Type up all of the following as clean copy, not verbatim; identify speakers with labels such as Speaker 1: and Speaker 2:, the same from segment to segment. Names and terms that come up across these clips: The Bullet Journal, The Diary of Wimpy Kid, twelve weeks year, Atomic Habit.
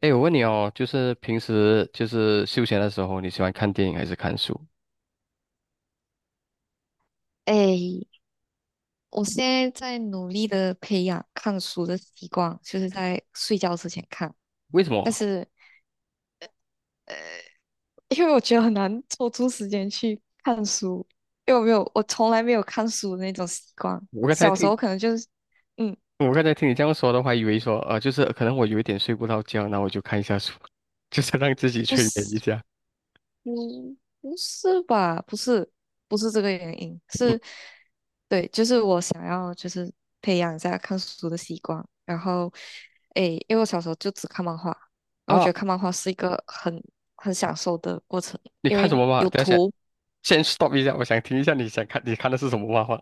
Speaker 1: 哎，我问你哦，就是平时就是休闲的时候，你喜欢看电影还是看书？
Speaker 2: 哎，我现在在努力的培养看书的习惯，就是在睡觉之前看。
Speaker 1: 为什
Speaker 2: 但
Speaker 1: 么？
Speaker 2: 是，呃，因为我觉得很难抽出时间去看书，因为我没有，我从来没有看书的那种习惯。
Speaker 1: 我刚才
Speaker 2: 小时
Speaker 1: 听，
Speaker 2: 候可能就是，嗯，
Speaker 1: 我刚才听你这样说的话，以为说，就是可能我有一点睡不着觉，那我就看一下书，就是让自己
Speaker 2: 不
Speaker 1: 催眠一
Speaker 2: 是。
Speaker 1: 下。
Speaker 2: 嗯，不是吧？不是，不是这个原因，
Speaker 1: 嗯
Speaker 2: 是，对，就是我想要就是培养一下看书的习惯，然后，诶，因为我小时候就只看漫画，然后觉
Speaker 1: 啊，
Speaker 2: 得看漫画是一个很享受的过程，
Speaker 1: 你
Speaker 2: 因
Speaker 1: 看什
Speaker 2: 为
Speaker 1: 么嘛？
Speaker 2: 有
Speaker 1: 等一下，
Speaker 2: 图，
Speaker 1: 先 stop 一下，我想听一下你看的是什么漫画？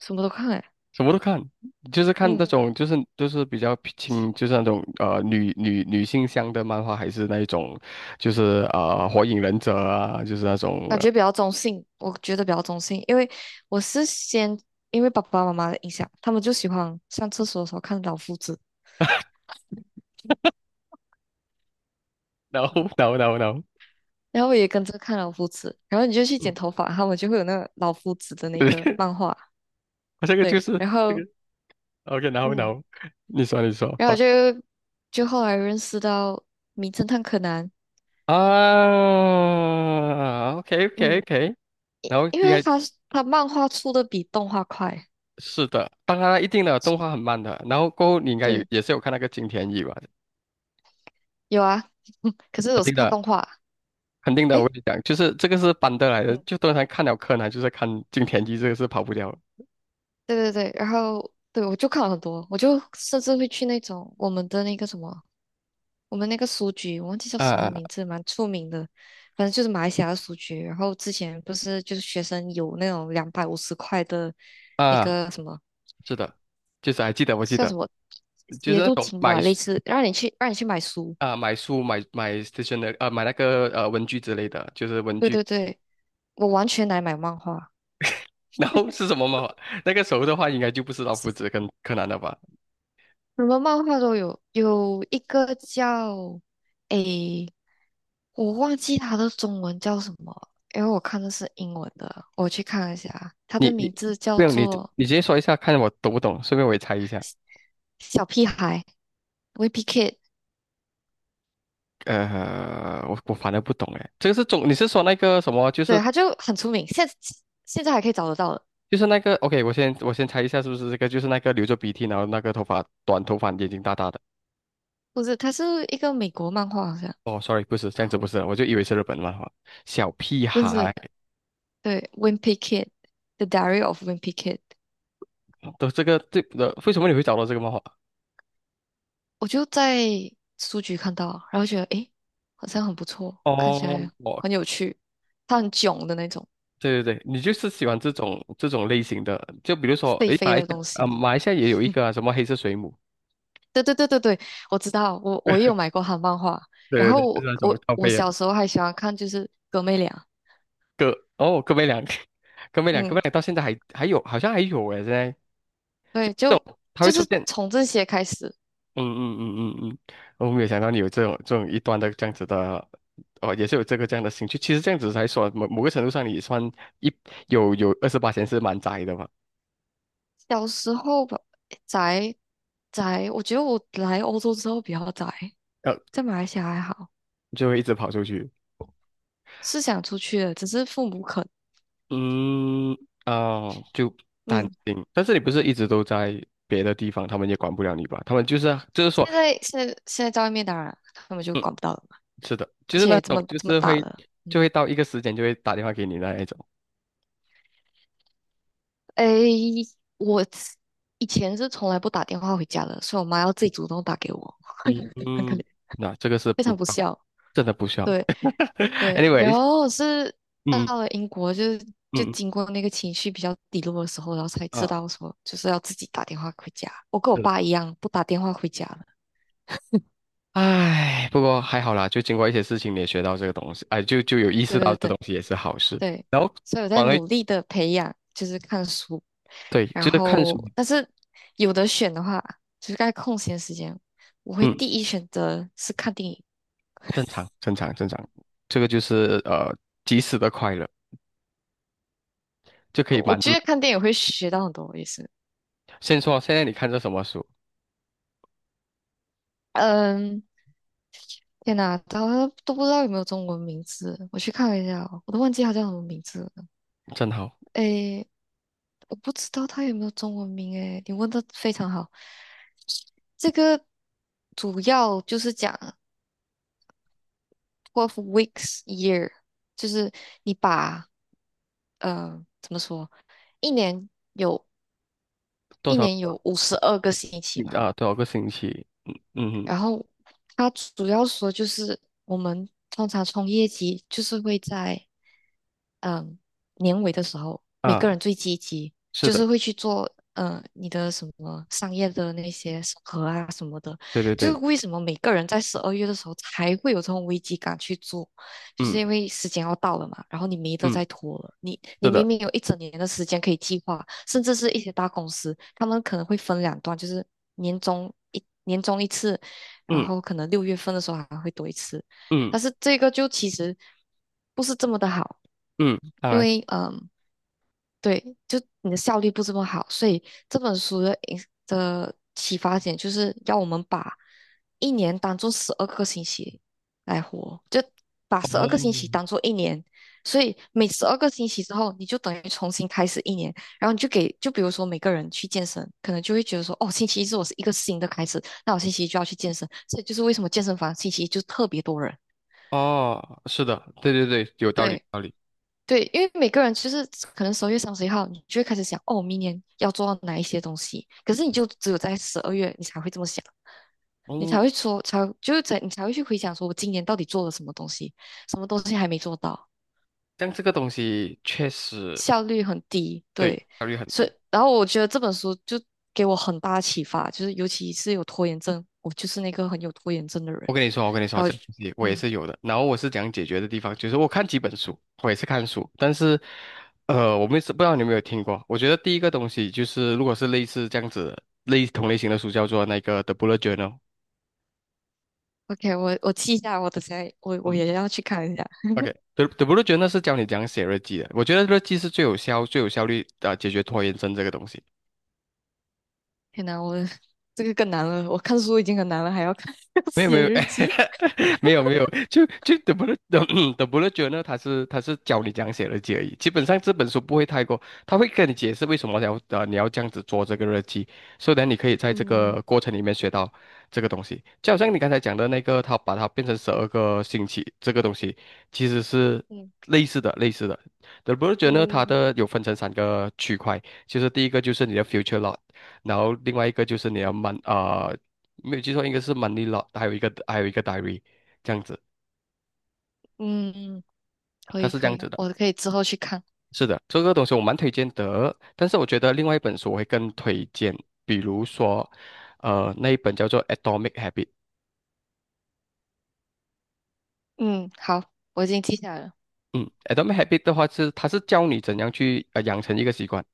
Speaker 2: 什么都看，诶，
Speaker 1: 什么都看，就是看那
Speaker 2: 嗯，
Speaker 1: 种，就是比较轻，就是那种女性向的漫画，还是那一种，就是火影忍者啊，就是那种。
Speaker 2: 感觉比较中性，我觉得比较中性，因为我是先因为爸爸妈妈的影响，他们就喜欢上厕所的时候看老夫子。
Speaker 1: No no,
Speaker 2: 然后我也跟着看老夫子，然后你就去
Speaker 1: 对，
Speaker 2: 剪头发，他们就会有那个老夫子的那个 漫画，
Speaker 1: 这个就
Speaker 2: 对，
Speaker 1: 是
Speaker 2: 然
Speaker 1: 这个。
Speaker 2: 后
Speaker 1: OK,然后然
Speaker 2: 嗯，
Speaker 1: 后你说你说
Speaker 2: 然后我
Speaker 1: 不
Speaker 2: 就就后来认识到名侦探柯南，
Speaker 1: 啊，OK，
Speaker 2: 嗯，
Speaker 1: 然后
Speaker 2: 因
Speaker 1: 应
Speaker 2: 为
Speaker 1: 该
Speaker 2: 他漫画出的比动画快，
Speaker 1: 是的，当然一定的动画很慢的，然后过后你应该有
Speaker 2: 对，
Speaker 1: 也是有看那个金田一吧，
Speaker 2: 有啊，可是
Speaker 1: 肯
Speaker 2: 我是
Speaker 1: 定
Speaker 2: 看
Speaker 1: 的
Speaker 2: 动画，
Speaker 1: 肯定的，我
Speaker 2: 诶，
Speaker 1: 跟你讲，就是这个是搬得来的，
Speaker 2: 嗯，
Speaker 1: 就通常看了柯南就是看金田一，这个是跑不掉的
Speaker 2: 对对对，然后对我就看了很多，我就甚至会去那种我们的那个什么我们那个书局，我忘记叫什么
Speaker 1: 啊
Speaker 2: 名字，蛮出名的，反正就是马来西亚的书局。然后之前不是就是学生有那种250块的那
Speaker 1: 啊，啊
Speaker 2: 个什么
Speaker 1: 是的，就是还记得我记
Speaker 2: 叫什
Speaker 1: 得，
Speaker 2: 么
Speaker 1: 就
Speaker 2: 协
Speaker 1: 是那
Speaker 2: 助
Speaker 1: 种
Speaker 2: 金吧，
Speaker 1: 买
Speaker 2: 类
Speaker 1: 书
Speaker 2: 似让你去买书。
Speaker 1: 啊买书买买 s t a t 买那个文具之类的，就是文
Speaker 2: 对
Speaker 1: 具
Speaker 2: 对对，我完全来买漫画，
Speaker 1: 然后是什么吗？那个时候的话，应该就不是老夫子跟柯南了吧？
Speaker 2: 什么漫画都有，有一个叫诶，我忘记它的中文叫什么，因为我看的是英文的，我去看一下，它的
Speaker 1: 你
Speaker 2: 名字叫
Speaker 1: 不用你
Speaker 2: 做
Speaker 1: 你直接说一下，看我懂不懂，顺便我也猜一下。
Speaker 2: 小屁孩。Wimpy Kid,
Speaker 1: 我反正不懂哎，这个是中，你是说那个什么？
Speaker 2: 对，他就很出名，现在还可以找得到的。
Speaker 1: 就是那个，OK,我先猜一下，是不是这个？就是那个流着鼻涕，然后那个头发眼睛大大的。
Speaker 2: 不是，他是一个美国漫画，好像
Speaker 1: 哦，sorry,不是这样子，不是，我就以为是日本漫画。小屁
Speaker 2: 不
Speaker 1: 孩
Speaker 2: 是。对，《Wimpy Kid》The Diary of Wimpy Kid,
Speaker 1: 哦都这个这的，为什么你会找到这个漫画？
Speaker 2: 我就在书局看到，然后觉得诶，好像很不错，看起
Speaker 1: 哦，
Speaker 2: 来很有趣。他很囧的那种，
Speaker 1: 对对对，你就是喜欢这种类型的，就比如说，
Speaker 2: 废
Speaker 1: 诶，
Speaker 2: 废的东西。
Speaker 1: 马来西亚也有一个啊什么黑色水母，
Speaker 2: 对对对对对，我知道，我也有买过他的漫画。然
Speaker 1: 对对
Speaker 2: 后
Speaker 1: 对，就是
Speaker 2: 我
Speaker 1: 那种
Speaker 2: 我
Speaker 1: 靠
Speaker 2: 我
Speaker 1: 背的
Speaker 2: 小时候还喜欢看，就是哥妹俩。
Speaker 1: 哥，哦，哥妹俩，哥妹
Speaker 2: 嗯，
Speaker 1: 俩到现在还有，好像还有诶，现在这
Speaker 2: 对，就
Speaker 1: 种它
Speaker 2: 就
Speaker 1: 会
Speaker 2: 是
Speaker 1: 出现，
Speaker 2: 从这些开始，
Speaker 1: 嗯嗯嗯嗯嗯，我没有想到你有这种一端的这样子的，哦，也是有这个这样的兴趣。其实这样子来说，某某个程度上，你也算一有二十八是蛮宅的嘛，
Speaker 2: 小时候吧，宅宅，我觉得我来欧洲之后比较宅，
Speaker 1: 呃，
Speaker 2: 在马来西亚还好，
Speaker 1: 就会一直跑出去。
Speaker 2: 是想出去的，只是父母不肯。
Speaker 1: 嗯，哦，就担
Speaker 2: 嗯，
Speaker 1: 心，但是你不是一直都在别的地方，他们也管不了你吧？他们就是就是说，
Speaker 2: 现在在外面，当然他们就
Speaker 1: 嗯，
Speaker 2: 管不到了嘛，
Speaker 1: 是的，
Speaker 2: 而
Speaker 1: 就是那
Speaker 2: 且这么
Speaker 1: 种就
Speaker 2: 这么
Speaker 1: 是
Speaker 2: 大
Speaker 1: 会
Speaker 2: 了，嗯，
Speaker 1: 就会到一个时间就会打电话给你那一种，
Speaker 2: 诶，我以前是从来不打电话回家的，所以我妈要自己主动打给我，
Speaker 1: 嗯
Speaker 2: 很可怜，
Speaker 1: 嗯，那这个是
Speaker 2: 非
Speaker 1: 不
Speaker 2: 常
Speaker 1: 需
Speaker 2: 不
Speaker 1: 要
Speaker 2: 孝。
Speaker 1: 真的不需要。
Speaker 2: 对。对，然
Speaker 1: Anyways,
Speaker 2: 后是到
Speaker 1: 嗯
Speaker 2: 了英国就，是就
Speaker 1: 嗯
Speaker 2: 经过那个情绪比较低落的时候，然后才
Speaker 1: 嗯
Speaker 2: 知
Speaker 1: 啊，
Speaker 2: 道说，就是要自己打电话回家。我跟我
Speaker 1: 是的，
Speaker 2: 爸一样，不打电话回家了。
Speaker 1: 唉，不过还好啦，就经过一些事情你也学到这个东西，哎，就有意识
Speaker 2: 对
Speaker 1: 到
Speaker 2: 对
Speaker 1: 这东
Speaker 2: 对
Speaker 1: 西也是好事，
Speaker 2: 对，
Speaker 1: 然后
Speaker 2: 所以我在
Speaker 1: 反而
Speaker 2: 努力的培养，就是看书，
Speaker 1: 对，
Speaker 2: 然
Speaker 1: 就是看书。
Speaker 2: 后但是有的选的话，就是在空闲时间，我会
Speaker 1: 嗯。
Speaker 2: 第一选择是看电影。
Speaker 1: 正常，正常，正常，这个就是呃及时的快乐，就可以
Speaker 2: 我
Speaker 1: 满
Speaker 2: 觉
Speaker 1: 足。
Speaker 2: 得看电影会学到很多，也是，
Speaker 1: 先说现在你看这什么书，
Speaker 2: 嗯，天哪，他都不知道有没有中文名字，我去看了一下哦我都忘记他叫什么名字了。
Speaker 1: 正好
Speaker 2: 诶，我不知道他有没有中文名，诶，你问的非常好。这个主要就是讲 twelve weeks year,就是你把怎么说，一年有
Speaker 1: 多
Speaker 2: 一
Speaker 1: 少
Speaker 2: 年有52个星期嘛，
Speaker 1: 啊多少个星期，嗯嗯哼
Speaker 2: 然后它主要说就是我们通常从业绩就是会在。嗯，年尾的时候，每
Speaker 1: 啊，
Speaker 2: 个人最积极，
Speaker 1: 是
Speaker 2: 就
Speaker 1: 的，
Speaker 2: 是会去做，你的什么商业的那些审核啊什么的，
Speaker 1: 对对
Speaker 2: 就
Speaker 1: 对，
Speaker 2: 是为什么每个人在十二月的时候才会有这种危机感去做，就
Speaker 1: 嗯
Speaker 2: 是因为时间要到了嘛，然后你没得
Speaker 1: 嗯，
Speaker 2: 再拖了，你
Speaker 1: 是的，
Speaker 2: 明明有一整年的时间可以计划，甚至是一些大公司，他们可能会分两段，就是年终一次，然
Speaker 1: 嗯
Speaker 2: 后可能6月份的时候还会多一次，
Speaker 1: 嗯
Speaker 2: 但是这个就其实不是这么的好。
Speaker 1: 嗯，当
Speaker 2: 因
Speaker 1: 然，
Speaker 2: 为嗯，对，就你的效率不这么好，所以这本书的启发点就是要我们把一年当做十二个星期来活，就把十二个星
Speaker 1: 哦
Speaker 2: 期当做一年，所以每十二个星期之后，你就等于重新开始一年，然后你就给，就比如说每个人去健身，可能就会觉得说，哦，星期一是我是一个新的开始，那我星期一就要去健身，所以就是为什么健身房星期一就特别多人。
Speaker 1: 哦，是的，对对对，有道理，有
Speaker 2: 对，
Speaker 1: 道理。
Speaker 2: 对，因为每个人其实可能12月31号，你就会开始想，哦，明年要做到哪一些东西。可是你就只有在十二月，你才会这么想，你
Speaker 1: 嗯，
Speaker 2: 才会说，才就是在你才会去回想，说我今年到底做了什么东西，什么东西还没做到，
Speaker 1: 像这个东西确实
Speaker 2: 效率很低。
Speaker 1: 对
Speaker 2: 对，
Speaker 1: 效率很
Speaker 2: 所
Speaker 1: 低。
Speaker 2: 以然后我觉得这本书就给我很大的启发，就是尤其是有拖延症，我就是那个很有拖延症的人。
Speaker 1: 我跟你说，
Speaker 2: 然
Speaker 1: 这
Speaker 2: 后，
Speaker 1: 个东西我也
Speaker 2: 嗯
Speaker 1: 是有的。然后我是讲解决的地方，就是我看几本书，我也是看书，但是，我们是不知道你有没有听过。我觉得第一个东西就是，如果是类似这样子类同类型的书，叫做那个《The Bullet Journal》。
Speaker 2: ，OK,我记一下，我等下我
Speaker 1: 嗯
Speaker 2: 也要去看一下。
Speaker 1: ，OK，The Bullet Journal 是教你怎样写日记的。我觉得日记是最有效、最有效率的解决拖延症这个东西。
Speaker 2: 天呐，我这个更难了。我看书已经很难了，还要看 要
Speaker 1: 没有没
Speaker 2: 写
Speaker 1: 有
Speaker 2: 日记。
Speaker 1: 没有没有，就就德布勒德 德布勒觉呢 是教你讲样写日记而已。基本上这本书不会太过，他会跟你解释为什么你要你要这样子做这个日记，所以呢你可以在这
Speaker 2: 嗯
Speaker 1: 个过程里面学到这个东西。就好像你刚才讲的那个，他把它变成十二个星期这个东西，其实是
Speaker 2: 嗯
Speaker 1: 类似的。德布勒觉呢，它
Speaker 2: 嗯
Speaker 1: 的有分成三个区块，就是第一个就是你的 future lot,然后另外一个就是你的 没有记错，应该是 m o n e y l o a 还有一个 Diary,这样子，
Speaker 2: 嗯，嗯，可
Speaker 1: 它
Speaker 2: 以
Speaker 1: 是这
Speaker 2: 可
Speaker 1: 样
Speaker 2: 以，
Speaker 1: 子的。
Speaker 2: 我可以之后去看。
Speaker 1: 是的，这个东西我蛮推荐的，但是我觉得另外一本书我会更推荐，比如说，那一本叫做《Atomic Habit》。
Speaker 2: 嗯，好，我已经记下来了。
Speaker 1: 嗯，《Atomic Habit》的话是它是教你怎样去养成一个习惯。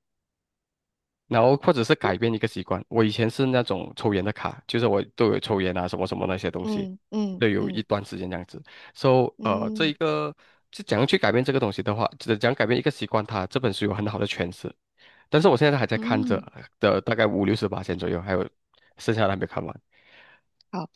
Speaker 1: 然后或者是改变一个习惯。我以前是那种抽烟的卡，就是我都有抽烟啊，什么什么那些东西，
Speaker 2: 嗯嗯
Speaker 1: 都有一
Speaker 2: 嗯
Speaker 1: 段时间这样子。So,这一
Speaker 2: 嗯
Speaker 1: 个是怎样去改变这个东西的话，怎讲改变一个习惯它，这本书有很好的诠释。但是我现在还在看着
Speaker 2: 嗯，
Speaker 1: 的，大概五六十八千左右，还有剩下的还没看完。
Speaker 2: 好，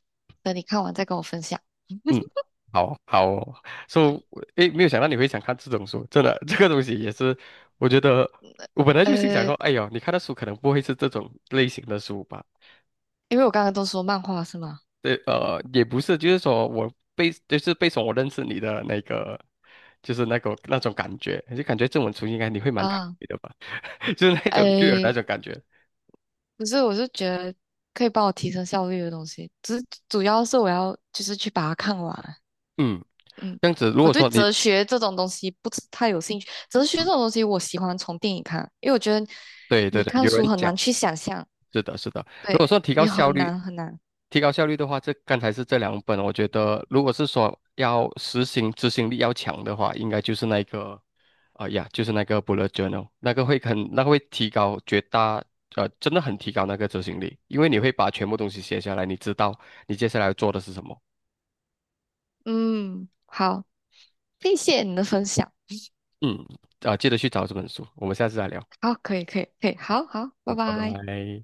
Speaker 2: 等你看完再跟我分享。
Speaker 1: 嗯，好好哦，So,诶，没有想到你会想看这种书，真的，这个东西也是，我觉得。我本来就心想说，
Speaker 2: 呃，
Speaker 1: 哎呦，你看的书可能不会是这种类型的书吧？
Speaker 2: 因为我刚刚都说漫画是吗？
Speaker 1: 对，也不是，就是说就是被说我认识你的那个，就是那个那种感觉，就感觉这种出应该你会蛮开
Speaker 2: 啊，
Speaker 1: 心的吧，就是那种就有那
Speaker 2: 诶，
Speaker 1: 种感觉，
Speaker 2: 不是，我是觉得可以帮我提升效率的东西，只是主要是我要就是去把它看完。
Speaker 1: 嗯，
Speaker 2: 嗯，
Speaker 1: 这样子，如
Speaker 2: 我
Speaker 1: 果
Speaker 2: 对
Speaker 1: 说你，
Speaker 2: 哲学这种东西不是太有兴趣。哲学这
Speaker 1: 嗯，
Speaker 2: 种东西，我喜欢从电影看，因为我觉得
Speaker 1: 对
Speaker 2: 你
Speaker 1: 对对，
Speaker 2: 看
Speaker 1: 有人
Speaker 2: 书很
Speaker 1: 讲。
Speaker 2: 难去想象，
Speaker 1: 是的，是的。如果
Speaker 2: 对，
Speaker 1: 说提高
Speaker 2: 你
Speaker 1: 效
Speaker 2: 很
Speaker 1: 率，
Speaker 2: 难很难。
Speaker 1: 提高效率的话，这刚才是这两本，我觉得如果是说要实行执行力要强的话，应该就是那个，啊呀，就是那个 bullet journal,那个会很，那个会提高绝大，真的很提高那个执行力，因为你会把全部东西写下来，你知道你接下来要做的是什么。
Speaker 2: 嗯，好，谢谢你的分享。
Speaker 1: 嗯，啊，记得去找这本书，我们下次再聊，
Speaker 2: 好，可以可以可以，好好，
Speaker 1: 好
Speaker 2: 拜
Speaker 1: 拜
Speaker 2: 拜。
Speaker 1: 拜。